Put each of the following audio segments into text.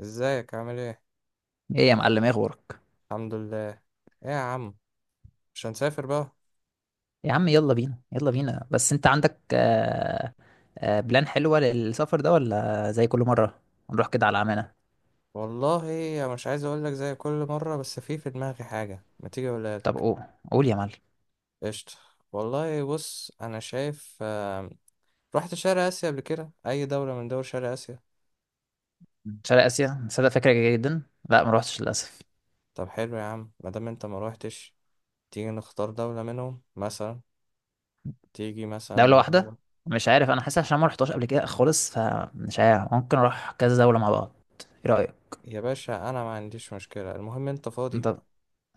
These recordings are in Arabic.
ازيك؟ عامل ايه؟ ايه يا معلم، ايه اخبارك؟ الحمد لله. ايه يا عم، مش هنسافر بقى؟ يا عم يلا بينا، يلا بينا، بس انت عندك بلان حلوة للسفر ده ولا زي كل مرة؟ نروح كده على عمانة. والله انا مش عايز اقول لك زي كل مره بس في دماغي حاجه ما تيجي اقولها طب لك. قول يا معلم. قشطه. والله بص انا شايف، رحت شرق اسيا قبل كده؟ اي دوله من دول شرق اسيا؟ شرق اسيا، صدق فكرة جيدة جدا. لا، ما روحتش للاسف. طب حلو يا عم، ما دام انت ما روحتش تيجي نختار دوله منهم مثلا، تيجي مثلا. دولة واحدة. مش عارف، انا حاسس عشان ما رحتهاش قبل كده خالص فمش عارف، ممكن اروح كذا دولة مع بعض. ايه رأيك؟ يا باشا، انا ما عنديش مشكله، المهم انت انت؟ فاضي.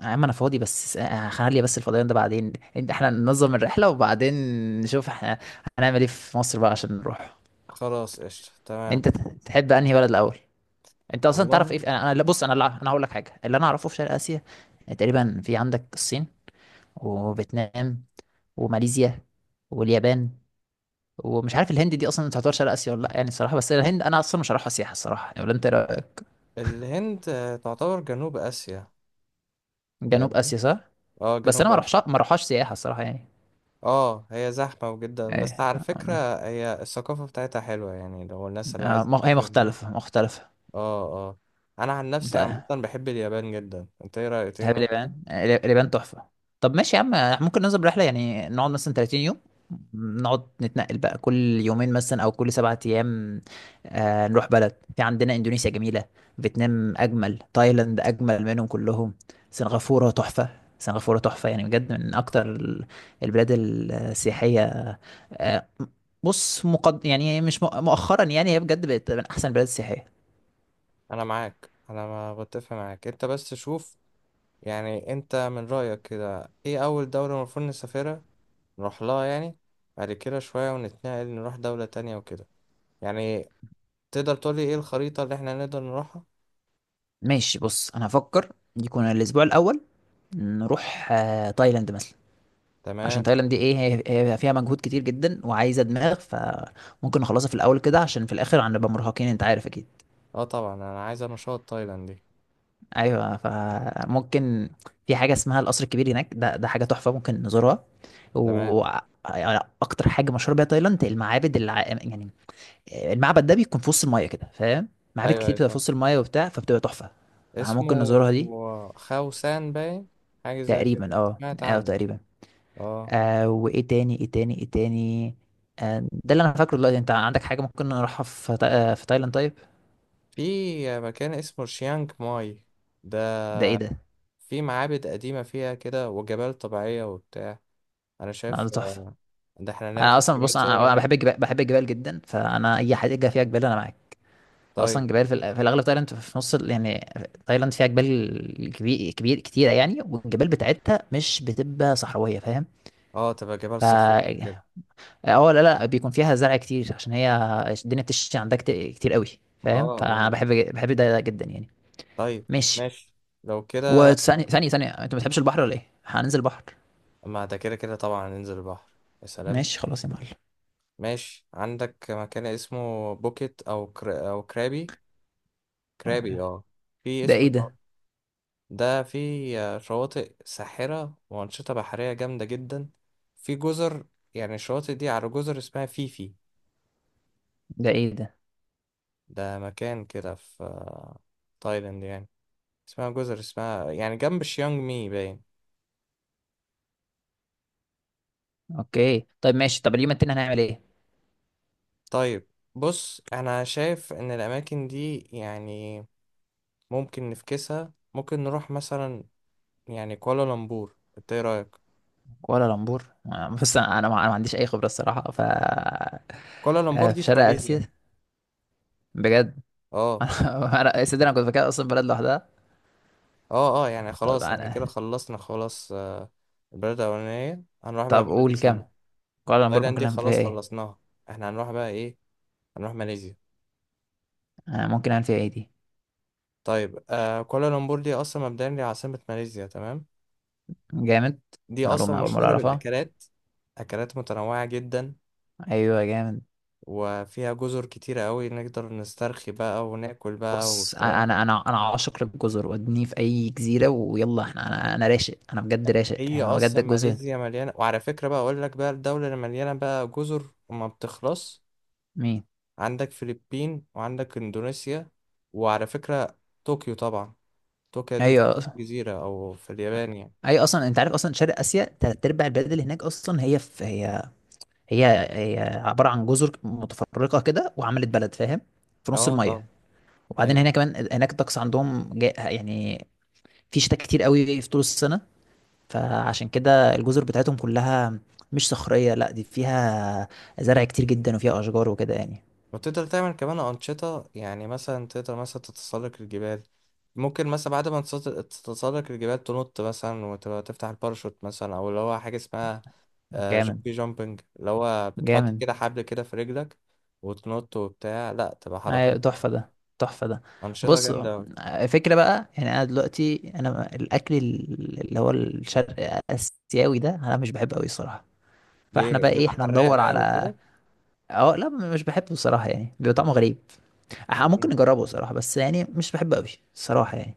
يا عم انا فاضي بس خلي بس الفضيان ده بعدين، انت احنا ننظم الرحلة وبعدين نشوف احنا هنعمل ايه في مصر بقى عشان نروح. خلاص، قشطه، تمام. انت تحب انهي بلد الاول؟ انت اصلا تعرف ايه والله. في... لا، بص انا انا هقول لك حاجه اللي انا اعرفه في شرق اسيا. تقريبا في عندك الصين، وفيتنام، وماليزيا، واليابان، ومش عارف الهند دي اصلا تعتبر شرق اسيا ولا لا يعني الصراحه، بس الهند انا اصلا مش هروحها سياحه الصراحه يعني، ولا انت إيه رأيك؟ الهند، تعتبر جنوب اسيا. جنوب فاهمني. اسيا، صح. اه بس انا جنوب ما أف... اروحش، ما اروحهاش سياحه الصراحه يعني. اه، هي زحمة جدا بس ايه على فكرة. هي الثقافة بتاعتها حلوة، يعني لو الناس اللي عايزة هي تسافر هناك. مختلفه مختلفه. اه، اه، انا عن نفسي طيب. عامة بحب اليابان جدا. انت ايه رأيك؟ تيجي دهب نروح اليابان؟ اليابان، اليابان تحفة. طب ماشي يا عم، ممكن ننزل رحلة يعني نقعد مثلا 30 يوم، نقعد نتنقل بقى كل 2 يوم مثلا او كل 7 ايام. نروح بلد، في عندنا اندونيسيا جميلة، فيتنام اجمل، تايلاند اجمل منهم كلهم، سنغافورة تحفة، سنغافورة تحفة، يعني بجد من اكتر البلاد السياحية. آه بص، مقد يعني، مش مؤخرا يعني هي بجد بقت من احسن البلاد السياحية. انا معاك، انا ما بتفق معاك انت بس شوف، يعني انت من رأيك كده ايه اول دولة المفروض نسافرها، نروح لها يعني، بعد كده شوية ونتنقل نروح دولة تانية وكده، يعني تقدر تقولي ايه الخريطة اللي احنا نقدر نروحها؟ ماشي، بص انا هفكر. يكون الاسبوع الاول نروح تايلاند مثلا، عشان تمام. تايلاند دي ايه، هي فيها مجهود كتير جدا وعايزه دماغ فممكن نخلصها في الاول كده عشان في الاخر هنبقى مرهقين، انت عارف اكيد. اه طبعا، انا عايز نشاط تايلاند دي. ايوه، فممكن. في حاجه اسمها القصر الكبير هناك ده حاجه تحفه ممكن نزورها. تمام. واكتر حاجه مشهوره بيها تايلاند المعابد يعني المعبد ده بيكون في وسط المايه كده، فاهم؟ معابد ايوه كتير ايوه بتبقى في فاهم، وسط المايه وبتاع فبتبقى تحفه. اسمه فممكن نزورها دي. خاوسان باين. حاجة زي كده. تقريبا، اه، سمعت اه، عنه. تقريبا. اه. وايه تاني، ايه تاني، ايه تاني. ده اللي انا فاكره دلوقتي، انت عندك حاجه ممكن نروحها في تا... آه، في تايلاند؟ طيب. في مكان اسمه شيانج ماي، ده ده ايه ده؟ في معابد قديمة فيها كده وجبال طبيعية وبتاع. أنا ده شايف تحفه. ده احنا انا ناخد اصلا، كمية بص، صور انا هناك. بحب الجبال، بحب الجبال جدا، فانا اي حاجه فيها جبال انا معاك. طيب. اصلا جبال في الاغلب تايلاند، في نص يعني تايلاند فيها جبال كبير كبير كتيره يعني، والجبال بتاعتها مش بتبقى صحراويه، فاهم؟ اه، تبقى جبال ف صخرية كده. اه لا، لا، بيكون فيها زرع كتير عشان هي الدنيا بتشتي عندها كتير قوي، اه، فاهم؟ فانا اه. بحب ده جدا يعني. طيب، ماشي. ماشي. لو كده. وثانية ثانية ثانية، انت ما بتحبش البحر ولا ايه؟ هننزل بحر. ما ده كده كده طبعا ننزل البحر. يا سلام. ماشي خلاص يا معلم. ماشي، عندك مكان اسمه بوكيت أو كرابي. كرابي، خلاص. اه. في ده اسم، ايه ده؟ ده في شواطئ ساحرة وأنشطة بحرية جامدة جدا. في جزر، يعني الشواطئ دي على جزر اسمها فيفي. ده ايه ده؟ ده مكان كده في تايلاند يعني. اسمها جزر اسمها يعني جنب شيانج مي باين. اوكي، طيب ماشي، طب اليوم التاني هنعمل ايه؟ طيب، بص أنا شايف إن الأماكن دي، يعني ممكن نفكسها، ممكن نروح مثلا، يعني كوالالمبور، إنت إيه رأيك؟ كوالا لامبور؟ بص انا ما عنديش اي خبرة الصراحة، ف كوالالمبور دي في في شرق اسيا؟ ماليزيا. بجد؟ اه. يا سيدي انا كنت فاكرها اصلا بلد لوحدها. اه، اه، يعني طب خلاص احنا كده أنا... خلصنا خلاص. البلد الأولانية هنروح بقى طب البلد قول كام؟ التانية. كوالا لامبور تايلاند ممكن دي نعمل فيها خلاص ايه؟ خلصناها، احنا هنروح بقى ايه، هنروح ماليزيا. ممكن نعمل فيها ايه دي؟ طيب، كوالالمبور دي أصلا مبدئيا دي عاصمة ماليزيا، تمام. جامد. دي أصلا معلومة أول مرة مشهورة أعرفها. بالأكلات، أكلات متنوعة جدا، أيوة جامد. وفيها جزر كتيرة أوي، نقدر نسترخي بقى وناكل بقى بص انا وبتاع. انا انا عاشق للجزر، ودني في اي جزيره ويلا احنا، انا راشق، انا بجد راشق هي يعني، انا بجد أصلا الجزر. ماليزيا مليانة، وعلى فكرة بقى أقول لك بقى الدولة اللي مليانة بقى جزر وما بتخلص، مين؟ عندك فلبين وعندك إندونيسيا. وعلى فكرة، طوكيو طبعا، طوكيو دي ايوه، تعتبر جزيرة أو في اليابان يعني. ايوه، اصلا انت عارف، اصلا شرق اسيا تلات ارباع البلاد اللي هناك اصلا هي هي عباره عن جزر متفرقه كده وعملت بلد، فاهم؟ في نص اه الميه. طبعا. وبعدين أيوة. هنا كمان هناك الطقس عندهم يعني في شتاء كتير قوي في طول السنه، فعشان كده الجزر بتاعتهم كلها مش صخريه، لا دي فيها زرع كتير جدا وفيها اشجار وكده يعني. وتقدر تعمل كمان أنشطة، يعني مثلا تقدر مثلا تتسلق الجبال، ممكن مثلا بعد ما تتسلق الجبال تنط مثلا وتبقى تفتح الباراشوت مثلا، أو اللي هو حاجة اسمها جامد. جامبي جامبنج، اللي هو بتحط جامد. كده حبل كده في رجلك وتنط وبتاع، لا تبقى أيوة، حركات، تحفة ده، تحفة ده. أنشطة بص، جامدة أوي. فكرة بقى يعني، أنا دلوقتي أنا الأكل اللي هو الشرق آسيوي ده أنا مش بحبه أوي الصراحة. فاحنا ليه؟ بقى إيه، بيبقى احنا حراق ندور بقى على، وكده. اه لا، مش بحبه الصراحة يعني، بيبقى طعمه غريب. احنا ممكن مم. نجربه الصراحة بس يعني مش بحبه أوي الصراحة يعني.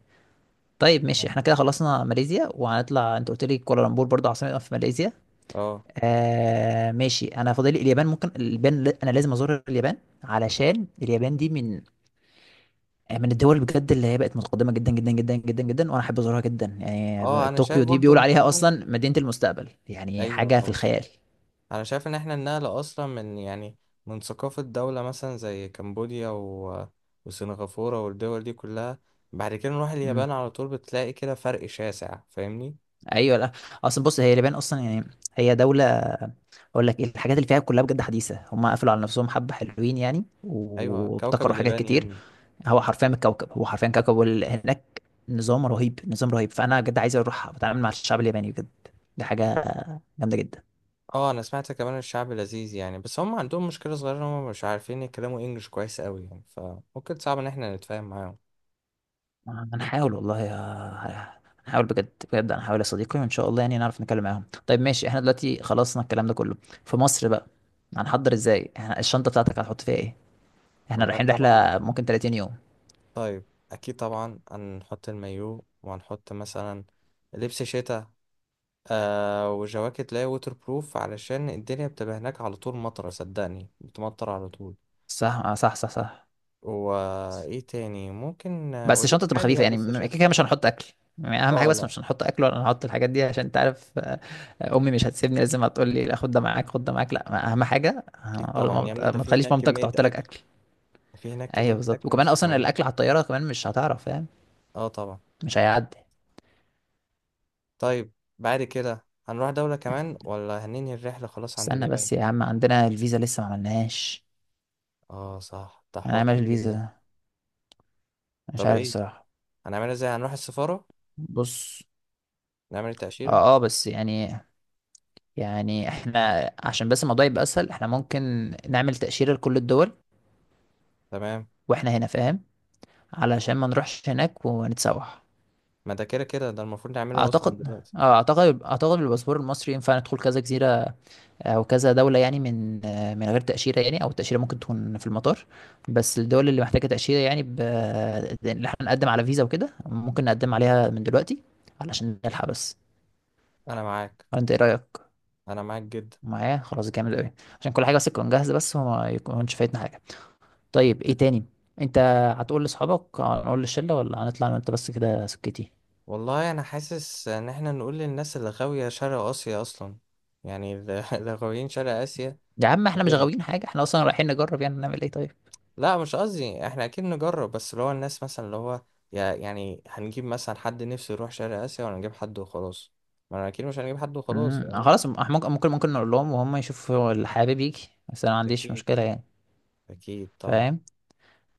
طيب ماشي، أيوة. احنا كده خلصنا ماليزيا وهنطلع. انت قلت لي كوالالمبور برضه عاصمة في ماليزيا. اه، ماشي، انا فاضل لي اليابان. ممكن اليابان، انا لازم ازور اليابان، علشان اليابان دي من الدول بجد اللي هي بقت متقدمه جدا جدا جدا جدا جدا، وانا احب ازورها جدا يعني. اه، انا شايف طوكيو دي برضو بيقولوا عليها النقلة. اصلا مدينه المستقبل، يعني ايوه حاجه في طبعا. الخيال. انا شايف ان احنا النقلة اصلا من يعني، من ثقافة دولة مثلا زي كمبوديا وسنغافورة والدول دي كلها، بعد كده نروح امم اليابان على طول بتلاقي كده فرق شاسع فاهمني. ايوه، لا، اصلا بص، هي اليابان اصلا يعني، هي دوله، اقول لك ايه، الحاجات اللي فيها كلها بجد حديثه. هم قفلوا على نفسهم حبه، حلوين يعني ايوه، كوكب وابتكروا حاجات اليابان يا كتير. ابني. هو حرفيا الكوكب، هو حرفيا كوكب. هناك نظام رهيب، نظام رهيب، فانا بجد عايز اروح اتعامل مع الشعب الياباني بجد. دي حاجه جامده جدا. اه انا سمعت كمان الشعب لذيذ يعني، بس هم عندهم مشكلة صغيرة ان هم مش عارفين يتكلموا انجلش كويس قوي يعني، فممكن صعب ان احنا نتفاهم معاهم. هنحاول والله، هنحاول بجد، بجد هنحاول يا صديقي وان شاء الله يعني نعرف نتكلم معاهم. طيب ماشي، احنا دلوقتي خلصنا الكلام ده كله. في مصر بقى هنحضر ازاي؟ احنا الشنطة بتاعتك هتحط فيها ايه؟ احنا والله رايحين طبعا. رحلة ممكن 30 يوم. طيب. اكيد طبعا هنحط المايو وهنحط مثلا لبس شتاء، وجواكت، لا، ووتر بروف علشان الدنيا بتبقى هناك على طول مطرة، صدقني بتمطر على طول. صح، صح، صح، صح. وايه تاني ممكن، بس وليك الشنطة تبقى عادي خفيفة بقى يعني، بس كده شاتي. كده مش هنحط اكل يعني، اهم حاجة اه، بس لا، مش هنحط اكل ولا هنحط الحاجات دي، عشان انت عارف امي مش هتسيبني، لازم هتقول لي لا خد ده معاك، خد ده معاك، لا اهم حاجة. اكيد طبعا يا ابني، ده ما في تخليش هناك مامتك كمية تحط لك اكل، اكل. ده في هناك ايوه كمية بالظبط، اكل وكمان مش اصلا طبيعية. الاكل على الطياره كمان مش هتعرف، فاهم؟ اه طبعا. مش هيعدي. طيب، بعد كده هنروح دولة كمان ولا هننهي الرحلة خلاص عند استنى اليابان؟ بس يا عم، عندنا الفيزا لسه ما عملناهاش. اه صح، ده حوار هنعمل كبير الفيزا ده. ده، مش طب عارف ايه، الصراحة. هنعملها ازاي؟ هنروح السفارة بص، نعمل اه، التأشيرة؟ اه، بس يعني، يعني احنا عشان بس الموضوع يبقى اسهل، احنا ممكن نعمل تأشيرة لكل الدول تمام. واحنا هنا، فاهم؟ علشان ما نروحش هناك ونتسوح. ما ده كده كده ده المفروض نعمله اصلا اعتقد، دلوقتي. اه، اعتقد بالباسبور المصري ينفع ندخل كذا جزيرة او كذا دوله يعني من غير تاشيره، يعني او التاشيره ممكن تكون في المطار. بس الدول اللي محتاجه تاشيره يعني اللي احنا نقدم على فيزا وكده، ممكن نقدم عليها من دلوقتي علشان نلحق بس. انا معاك. انت ايه رايك؟ انا معاك جدا. معايا؟ خلاص، جامد قوي. عشان كل حاجه بس تكون جاهزه بس، وما يكونش فايتنا حاجه. طيب ايه تاني؟ انت هتقول لاصحابك؟ هنقول للشله ولا هنطلع انا وانت بس كده سكتي؟ والله انا حاسس ان احنا نقول للناس اللي غاوية شرق اسيا اصلا، يعني اللي اللي غاويين شرق اسيا يا عم احنا مش نجيبهم. غاويين حاجه، احنا اصلا رايحين نجرب يعني، نعمل ايه طيب. لا، مش قصدي، احنا اكيد نجرب بس اللي هو الناس مثلا اللي هو يعني هنجيب مثلا حد نفسه يروح شرق اسيا، ولا نجيب حد وخلاص؟ ما انا اكيد مش هنجيب حد وخلاص فاهمني. خلاص، ممكن نقول لهم وهم يشوفوا اللي حابب يجي، بس انا ما عنديش اكيد. مشكله يعني، اكيد طبعا. فاهم؟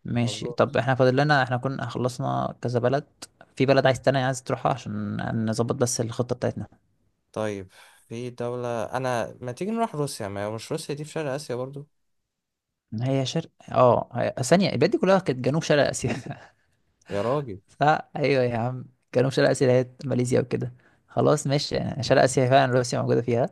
ماشي. مظبوط. طب احنا فاضل لنا، احنا كنا خلصنا كذا بلد، في بلد عايز تاني، عايز تروحها عشان نظبط بس الخطة بتاعتنا. طيب، في دولة انا، ما تيجي نروح روسيا؟ ما هي مش روسيا دي في شرق اسيا برضو؟ هي شرق هي... ثانية، البلاد دي كلها كانت جنوب شرق آسيا. يا راجل. صح، ايوه يا عم، جنوب شرق آسيا، اللي هي ماليزيا وكده. خلاص ماشي يعني، شرق آسيا فعلا، روسيا موجودة فيها.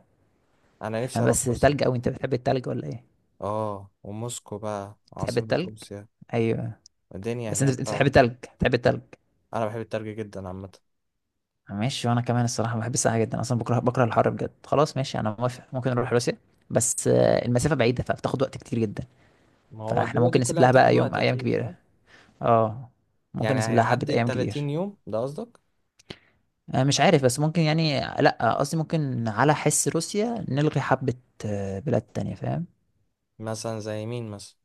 انا نفسي اروح بس روسيا. تلج قوي، انت بتحب التلج ولا ايه؟ اه، وموسكو بقى بتحب عاصمة التلج؟ روسيا. ايوه. الدنيا بس انت هناك بتحب طبعا. التلج، بتحب التلج. انا بحب التلج جدا عامه. ماشي، وانا كمان الصراحه بحب الساعه جدا، اصلا بكره، بكره الحر بجد. خلاص ماشي، انا موافق، ممكن نروح روسيا، بس المسافه بعيده فبتاخد وقت كتير جدا. ما هو فاحنا الدول دي ممكن نسيب كلها لها هتاخد بقى يوم، وقت ايام اكيد، صح. كبيره. اه. ممكن يعني نسيب لها حبه هيعدي ال ايام كتير. 30 يوم ده قصدك؟ مش عارف، بس ممكن يعني، لا قصدي ممكن على حس روسيا نلغي حبه بلاد تانية، فاهم؟ مثلا زي مين مثلا؟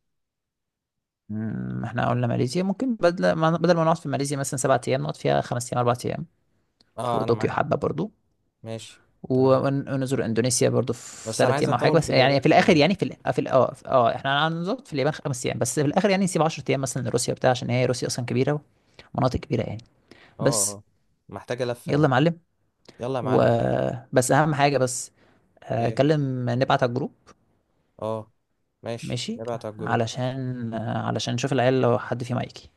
مم، احنا قلنا ماليزيا ممكن بدل ما، نقعد في ماليزيا مثلا 7 ايام، نقعد فيها 5 ايام، 4 ايام. اه انا وطوكيو معاك. حبه برضو. ماشي. تمام. ونزور اندونيسيا برضو في بس انا ثلاث عايز ايام او حاجه، اطول بس في يعني في اليابان الاخر شويه. يعني في ال- في ال- اه في- اه احنا هنظبط في اليابان 5 ايام، بس في الاخر يعني نسيب 10 ايام مثلا لروسيا بتاع، عشان هي روسيا اصلا كبيره ومناطق كبيره يعني. اه، بس. اه. محتاجه لفه يلا يا يعني. معلم. يلا يا معلم. وبس اهم حاجه، بس ايه. كلم نبعت على الجروب. اه. ماشي، ماشي، نبعت على الجروب. علشان نشوف العيال لو حد فيهم هيجي.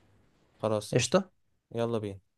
خلاص قشطه. قشطه. يلا بينا.